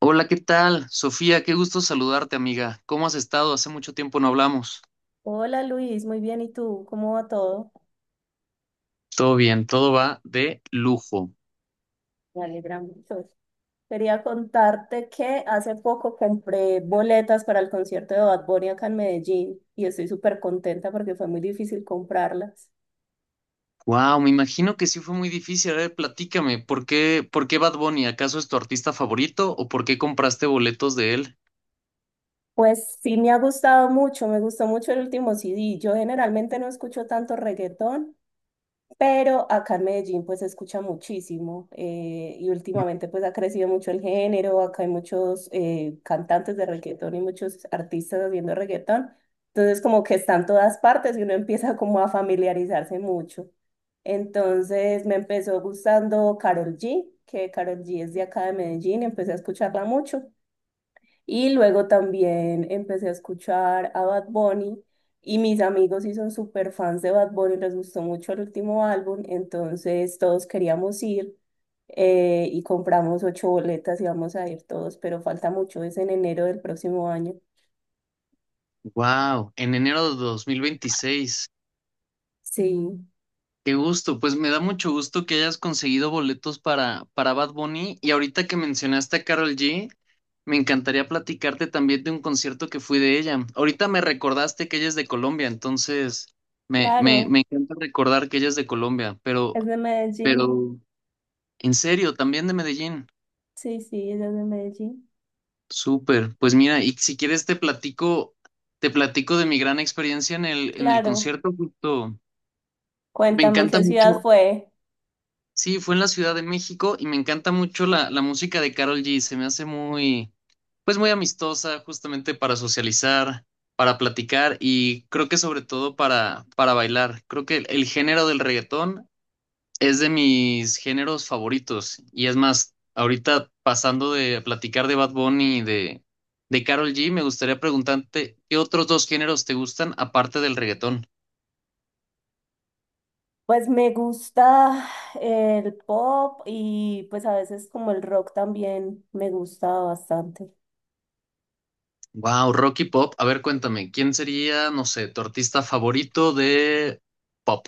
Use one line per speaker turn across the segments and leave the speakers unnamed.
Hola, ¿qué tal? Sofía, qué gusto saludarte, amiga. ¿Cómo has estado? Hace mucho tiempo no hablamos.
Hola Luis, muy bien. ¿Y tú? ¿Cómo va todo?
Todo bien, todo va de lujo.
Me alegra mucho. Quería contarte que hace poco compré boletas para el concierto de Bad Bunny acá en Medellín y estoy súper contenta porque fue muy difícil comprarlas.
Wow, me imagino que sí fue muy difícil. A ver, platícame, ¿por qué Bad Bunny? ¿Acaso es tu artista favorito o por qué compraste boletos de él?
Pues sí me ha gustado mucho, me gustó mucho el último CD. Yo generalmente no escucho tanto reggaetón, pero acá en Medellín pues se escucha muchísimo, y últimamente pues ha crecido mucho el género, acá hay muchos cantantes de reggaetón y muchos artistas haciendo reggaetón, entonces como que están todas partes y uno empieza como a familiarizarse mucho. Entonces me empezó gustando Karol G, que Karol G es de acá de Medellín, empecé a escucharla mucho y luego también empecé a escuchar a Bad Bunny y mis amigos sí son súper fans de Bad Bunny, les gustó mucho el último álbum, entonces todos queríamos ir, y compramos ocho boletas y vamos a ir todos, pero falta mucho, es en enero del próximo año.
Wow, en enero de 2026.
Sí,
Qué gusto, pues me da mucho gusto que hayas conseguido boletos para Bad Bunny y ahorita que mencionaste a Carol G, me encantaría platicarte también de un concierto que fui de ella. Ahorita me recordaste que ella es de Colombia, entonces me, me,
claro,
me encanta recordar que ella es de Colombia, pero,
es de Medellín.
pero en serio, también de Medellín.
Sí, sí, ella es de Medellín.
Súper, pues mira, y si quieres te platico de mi gran experiencia en el
Claro,
concierto, justo. Me
cuéntame en
encanta
qué ciudad
mucho.
fue.
Sí, fue en la Ciudad de México y me encanta mucho la música de Karol G. Se me hace muy, pues muy amistosa, justamente para socializar, para platicar y creo que sobre todo para bailar. Creo que el género del reggaetón es de mis géneros favoritos. Y es más, ahorita pasando de platicar de Bad Bunny y de Karol G, me gustaría preguntarte, ¿qué otros dos géneros te gustan aparte del reggaetón?
Pues me gusta el pop y pues a veces como el rock también me gusta bastante.
Wow, Rocky Pop. A ver, cuéntame, ¿quién sería, no sé, tu artista favorito de pop?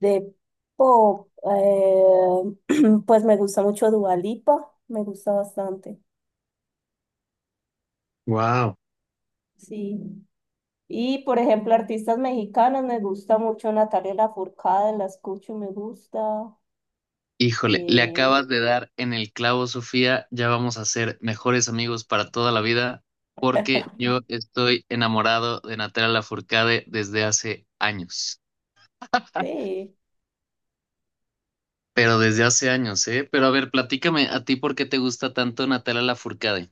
De pop, pues me gusta mucho Dua Lipa, me gusta bastante.
Wow.
Sí. Y por ejemplo, artistas mexicanos, me gusta mucho Natalia Lafourcade, la escucho y me gusta.
Híjole, le
Eh,
acabas de dar en el clavo, Sofía. Ya vamos a ser mejores amigos para toda la vida, porque yo estoy enamorado de Natalia Lafourcade desde hace años.
sí.
Pero desde hace años, ¿eh? Pero a ver, platícame a ti por qué te gusta tanto Natalia Lafourcade.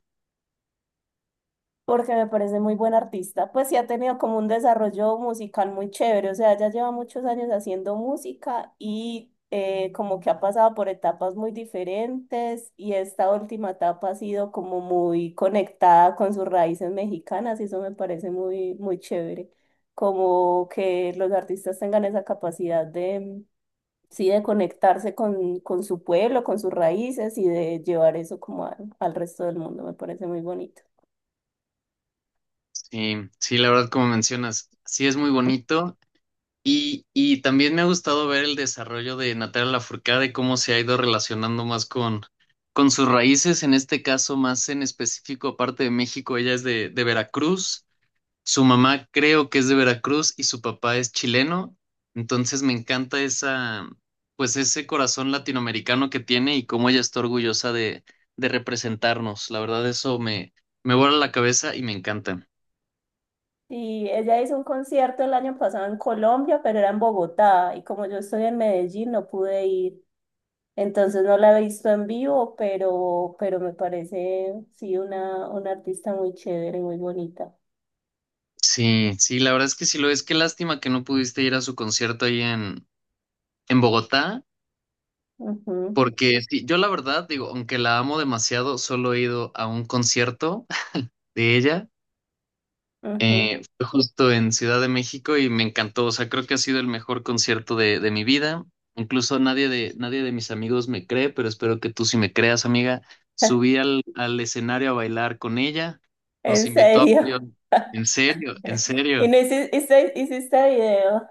Porque me parece muy buen artista. Pues sí ha tenido como un desarrollo musical muy chévere, o sea, ella lleva muchos años haciendo música y, como que ha pasado por etapas muy diferentes y esta última etapa ha sido como muy conectada con sus raíces mexicanas y eso me parece muy, muy chévere, como que los artistas tengan esa capacidad de, sí, de conectarse con su pueblo, con sus raíces y de llevar eso como al resto del mundo, me parece muy bonito.
Sí, sí, la verdad, como mencionas, sí es muy bonito. Y también me ha gustado ver el desarrollo de Natalia Lafourcade, cómo se ha ido relacionando más con sus raíces, en este caso más en específico, aparte de México, ella es de Veracruz, su mamá creo que es de Veracruz y su papá es chileno, entonces me encanta esa, pues ese corazón latinoamericano que tiene y cómo ella está orgullosa de representarnos, la verdad eso me, me vuela la cabeza y me encanta.
Sí, ella hizo un concierto el año pasado en Colombia, pero era en Bogotá y como yo estoy en Medellín no pude ir, entonces no la he visto en vivo, pero me parece sí una artista muy chévere, y muy bonita.
Sí, sí, la verdad es que sí lo es. Qué lástima que no pudiste ir a su concierto ahí en Bogotá,
Ujú,
porque sí, yo la verdad digo, aunque la amo demasiado, solo he ido a un concierto de ella.
ujú.
Fue justo en Ciudad de México y me encantó. O sea, creo que ha sido el mejor concierto de mi vida. Incluso nadie de, nadie de mis amigos me cree, pero espero que tú sí me creas, amiga. Subí al escenario a bailar con ella. Nos
En
invitó a...
serio.
En serio, en
Y
serio.
no hiciste, video.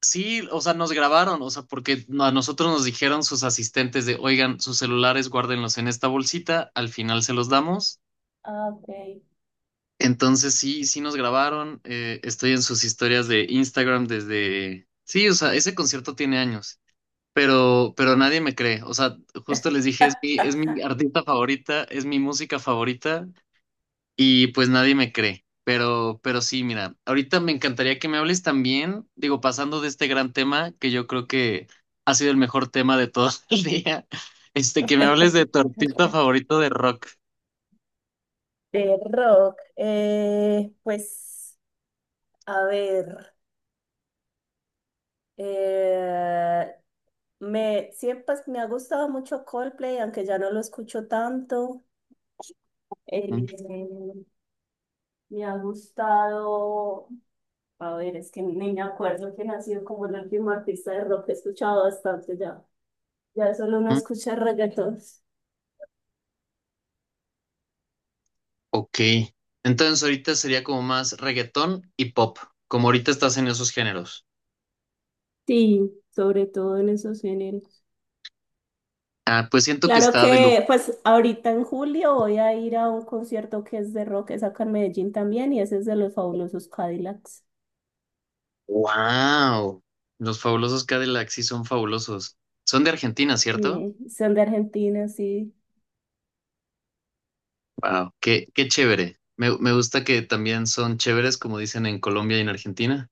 Sí, o sea, nos grabaron, o sea, porque no, a nosotros nos dijeron sus asistentes de, oigan, sus celulares guárdenlos en esta bolsita, al final se los damos.
Ah, ok.
Entonces sí, sí nos grabaron, estoy en sus historias de Instagram desde... Sí, o sea, ese concierto tiene años, pero nadie me cree, o sea, justo les dije, es mi artista favorita, es mi música favorita y pues nadie me cree. Pero sí, mira, ahorita me encantaría que me hables también, digo, pasando de este gran tema, que yo creo que ha sido el mejor tema de todo el día, este, que me hables de tu artista favorito de rock.
De rock. Pues, a ver. eh. Siempre pues, me ha gustado mucho Coldplay, aunque ya no lo escucho tanto.
Ujú.
Eh, Me ha gustado, a ver, es que ni me acuerdo quién ha sido como el último artista de rock que he escuchado bastante ya. Ya solo uno escucha reggaetón.
Ok. Entonces ahorita sería como más reggaetón y pop, como ahorita estás en esos géneros.
Sí, sobre todo en esos géneros.
Ah, pues siento que
Claro
está de lujo.
que, pues ahorita en julio voy a ir a un concierto que es de rock, es acá en Medellín también, y ese es de los fabulosos Cadillacs.
¡Wow! Los fabulosos Cadillacs sí son fabulosos. Son de Argentina, ¿cierto?
Son de Argentina, sí.
Wow, qué chévere. Me gusta que también son chéveres, como dicen en Colombia y en Argentina.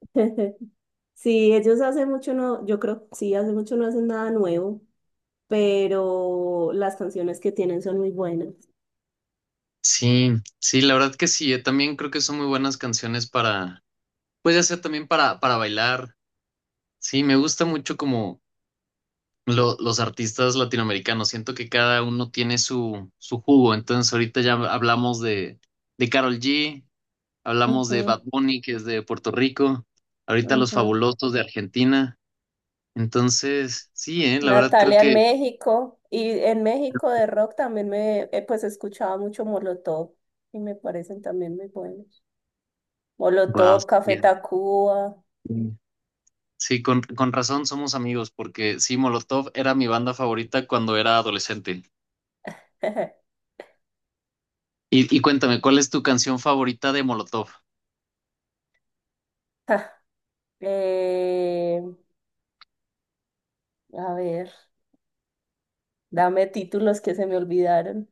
Sí, ellos hace mucho no, yo creo, sí, hace mucho no hacen nada nuevo, pero las canciones que tienen son muy buenas.
Sí, sí, la verdad que sí. Yo también creo que son muy buenas canciones para, pues ya sea también para bailar. Sí, me gusta mucho como los artistas latinoamericanos. Siento que cada uno tiene su, su jugo. Entonces ahorita ya hablamos de Karol G, hablamos de
Ujú,
Bad Bunny, que es de Puerto Rico, ahorita Los
ujú.
Fabulosos de Argentina. Entonces, sí, la verdad creo
Natalia en
que,
México y en México de rock también me, pues escuchaba mucho Molotov y me parecen también muy buenos.
wow.
Molotov, Café Tacuba.
Sí, sí, con razón somos amigos, porque sí, Molotov era mi banda favorita cuando era adolescente. Y cuéntame, ¿cuál es tu canción favorita de Molotov?
Ja, eh, a ver, dame títulos que se me olvidaron.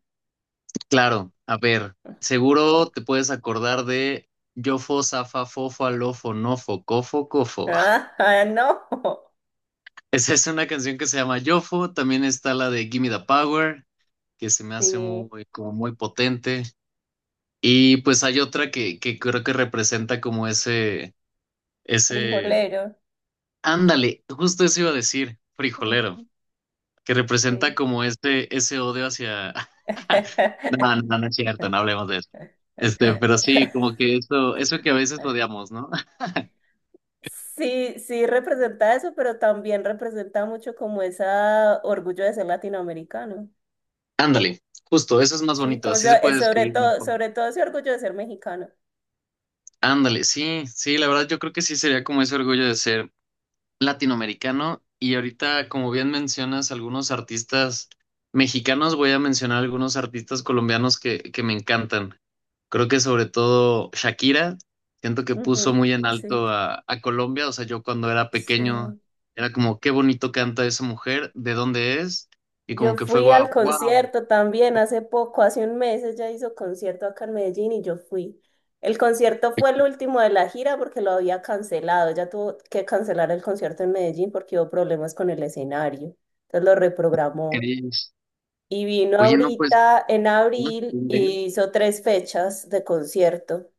Claro, a ver, seguro te puedes acordar de Yofo, Zafa, Fofo, Alofo, Nofo, Cofo, Cofo.
Ah, no.
Esa es una canción que se llama Yofo, también está la de Gimme the Power, que se me hace
Sí,
muy, como muy potente. Y pues hay otra que creo que representa como ese...
frijolero.
Ándale, justo eso iba a decir,
Mm,
frijolero, que representa
sí.
como este, ese odio hacia... No, no, no es cierto, no hablemos de eso. Este, pero sí, como que eso que a veces odiamos, ¿no?
Sí, sí representa eso, pero también representa mucho como ese orgullo de ser latinoamericano.
Ándale, justo, eso es más
Sí,
bonito,
como
así se puede describir mejor.
sobre todo ese orgullo de ser mexicano.
Ándale, sí, sí, la verdad yo creo que sí sería como ese orgullo de ser latinoamericano y ahorita, como bien mencionas, algunos artistas mexicanos, voy a mencionar algunos artistas colombianos que me encantan. Creo que sobre todo Shakira, siento que puso
Ujú,
muy en
sí,
alto a Colombia. O sea, yo cuando era pequeño
sí.
era como, qué bonito canta esa mujer, de dónde es, y
Yo
como que fue
fui
guau,
al
wow,
concierto también hace poco, hace un mes ella hizo concierto acá en Medellín y yo fui. El concierto fue el último de la gira porque lo había cancelado. Ella tuvo que cancelar el concierto en Medellín porque hubo problemas con el escenario. Entonces lo reprogramó.
eres.
Y vino
Oye, no, pues,
ahorita en abril y hizo tres fechas de concierto.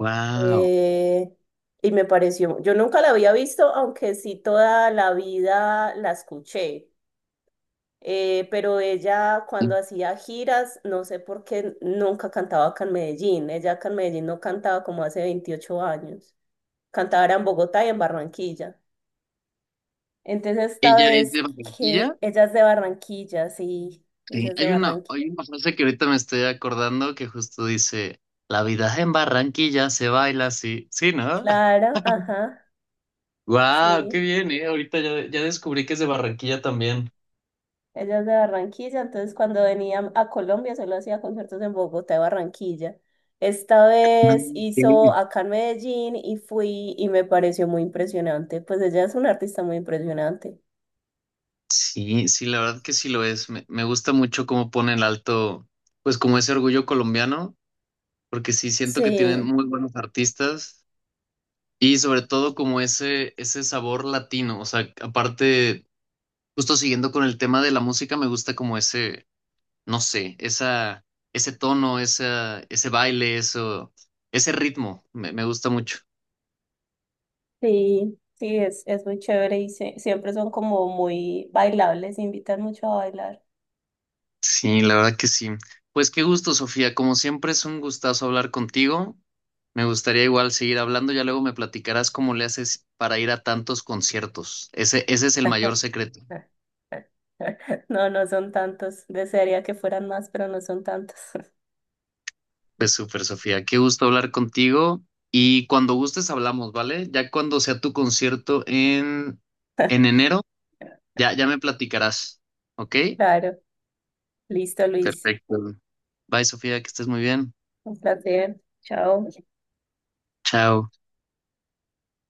wow.
Eh, y me pareció, yo nunca la había visto, aunque sí toda la vida la escuché. Pero ella cuando hacía giras, no sé por qué nunca cantaba acá en Medellín. Ella acá en Medellín no cantaba como hace 28 años. Cantaba era en Bogotá y en Barranquilla. Entonces esta
Ella es de
vez que
Barranquilla.
ella es de Barranquilla, sí,
Sí.
ella es de Barranquilla.
Hay una frase que ahorita me estoy acordando que justo dice, la vida en Barranquilla se baila así. Sí, ¿no?
Clara, ajá,
Wow, qué
sí.
bien, ¿eh? Ahorita ya, ya descubrí que es de Barranquilla también.
Ella es de Barranquilla, entonces cuando venía a Colombia solo hacía conciertos en Bogotá y Barranquilla. Esta
Ah,
vez hizo
ok.
acá en Medellín y fui y me pareció muy impresionante. Pues ella es una artista muy impresionante.
Sí, sí, la verdad que sí lo es. Me gusta mucho cómo ponen alto, pues como ese orgullo colombiano, porque sí siento que tienen
Sí,
muy buenos artistas y sobre todo como ese sabor latino. O sea, aparte, justo siguiendo con el tema de la música, me gusta como ese, no sé, esa, ese tono, esa, ese baile, eso, ese ritmo. Me gusta mucho.
sí, sí, es muy chévere y siempre son como muy bailables, invitan mucho a bailar.
Sí, la verdad que sí. Pues qué gusto, Sofía. Como siempre es un gustazo hablar contigo. Me gustaría igual seguir hablando. Ya luego me platicarás cómo le haces para ir a tantos conciertos. Ese es el mayor secreto.
No, no son tantos. Desearía que fueran más, pero no son tantos.
Pues súper, Sofía. Qué gusto hablar contigo. Y cuando gustes hablamos, ¿vale? Ya cuando sea tu concierto en enero, ya, ya me platicarás. ¿Ok?
Claro. Listo, Luis.
Perfecto. Bye, Sofía, que estés muy bien.
Un placer. Chao.
Chao.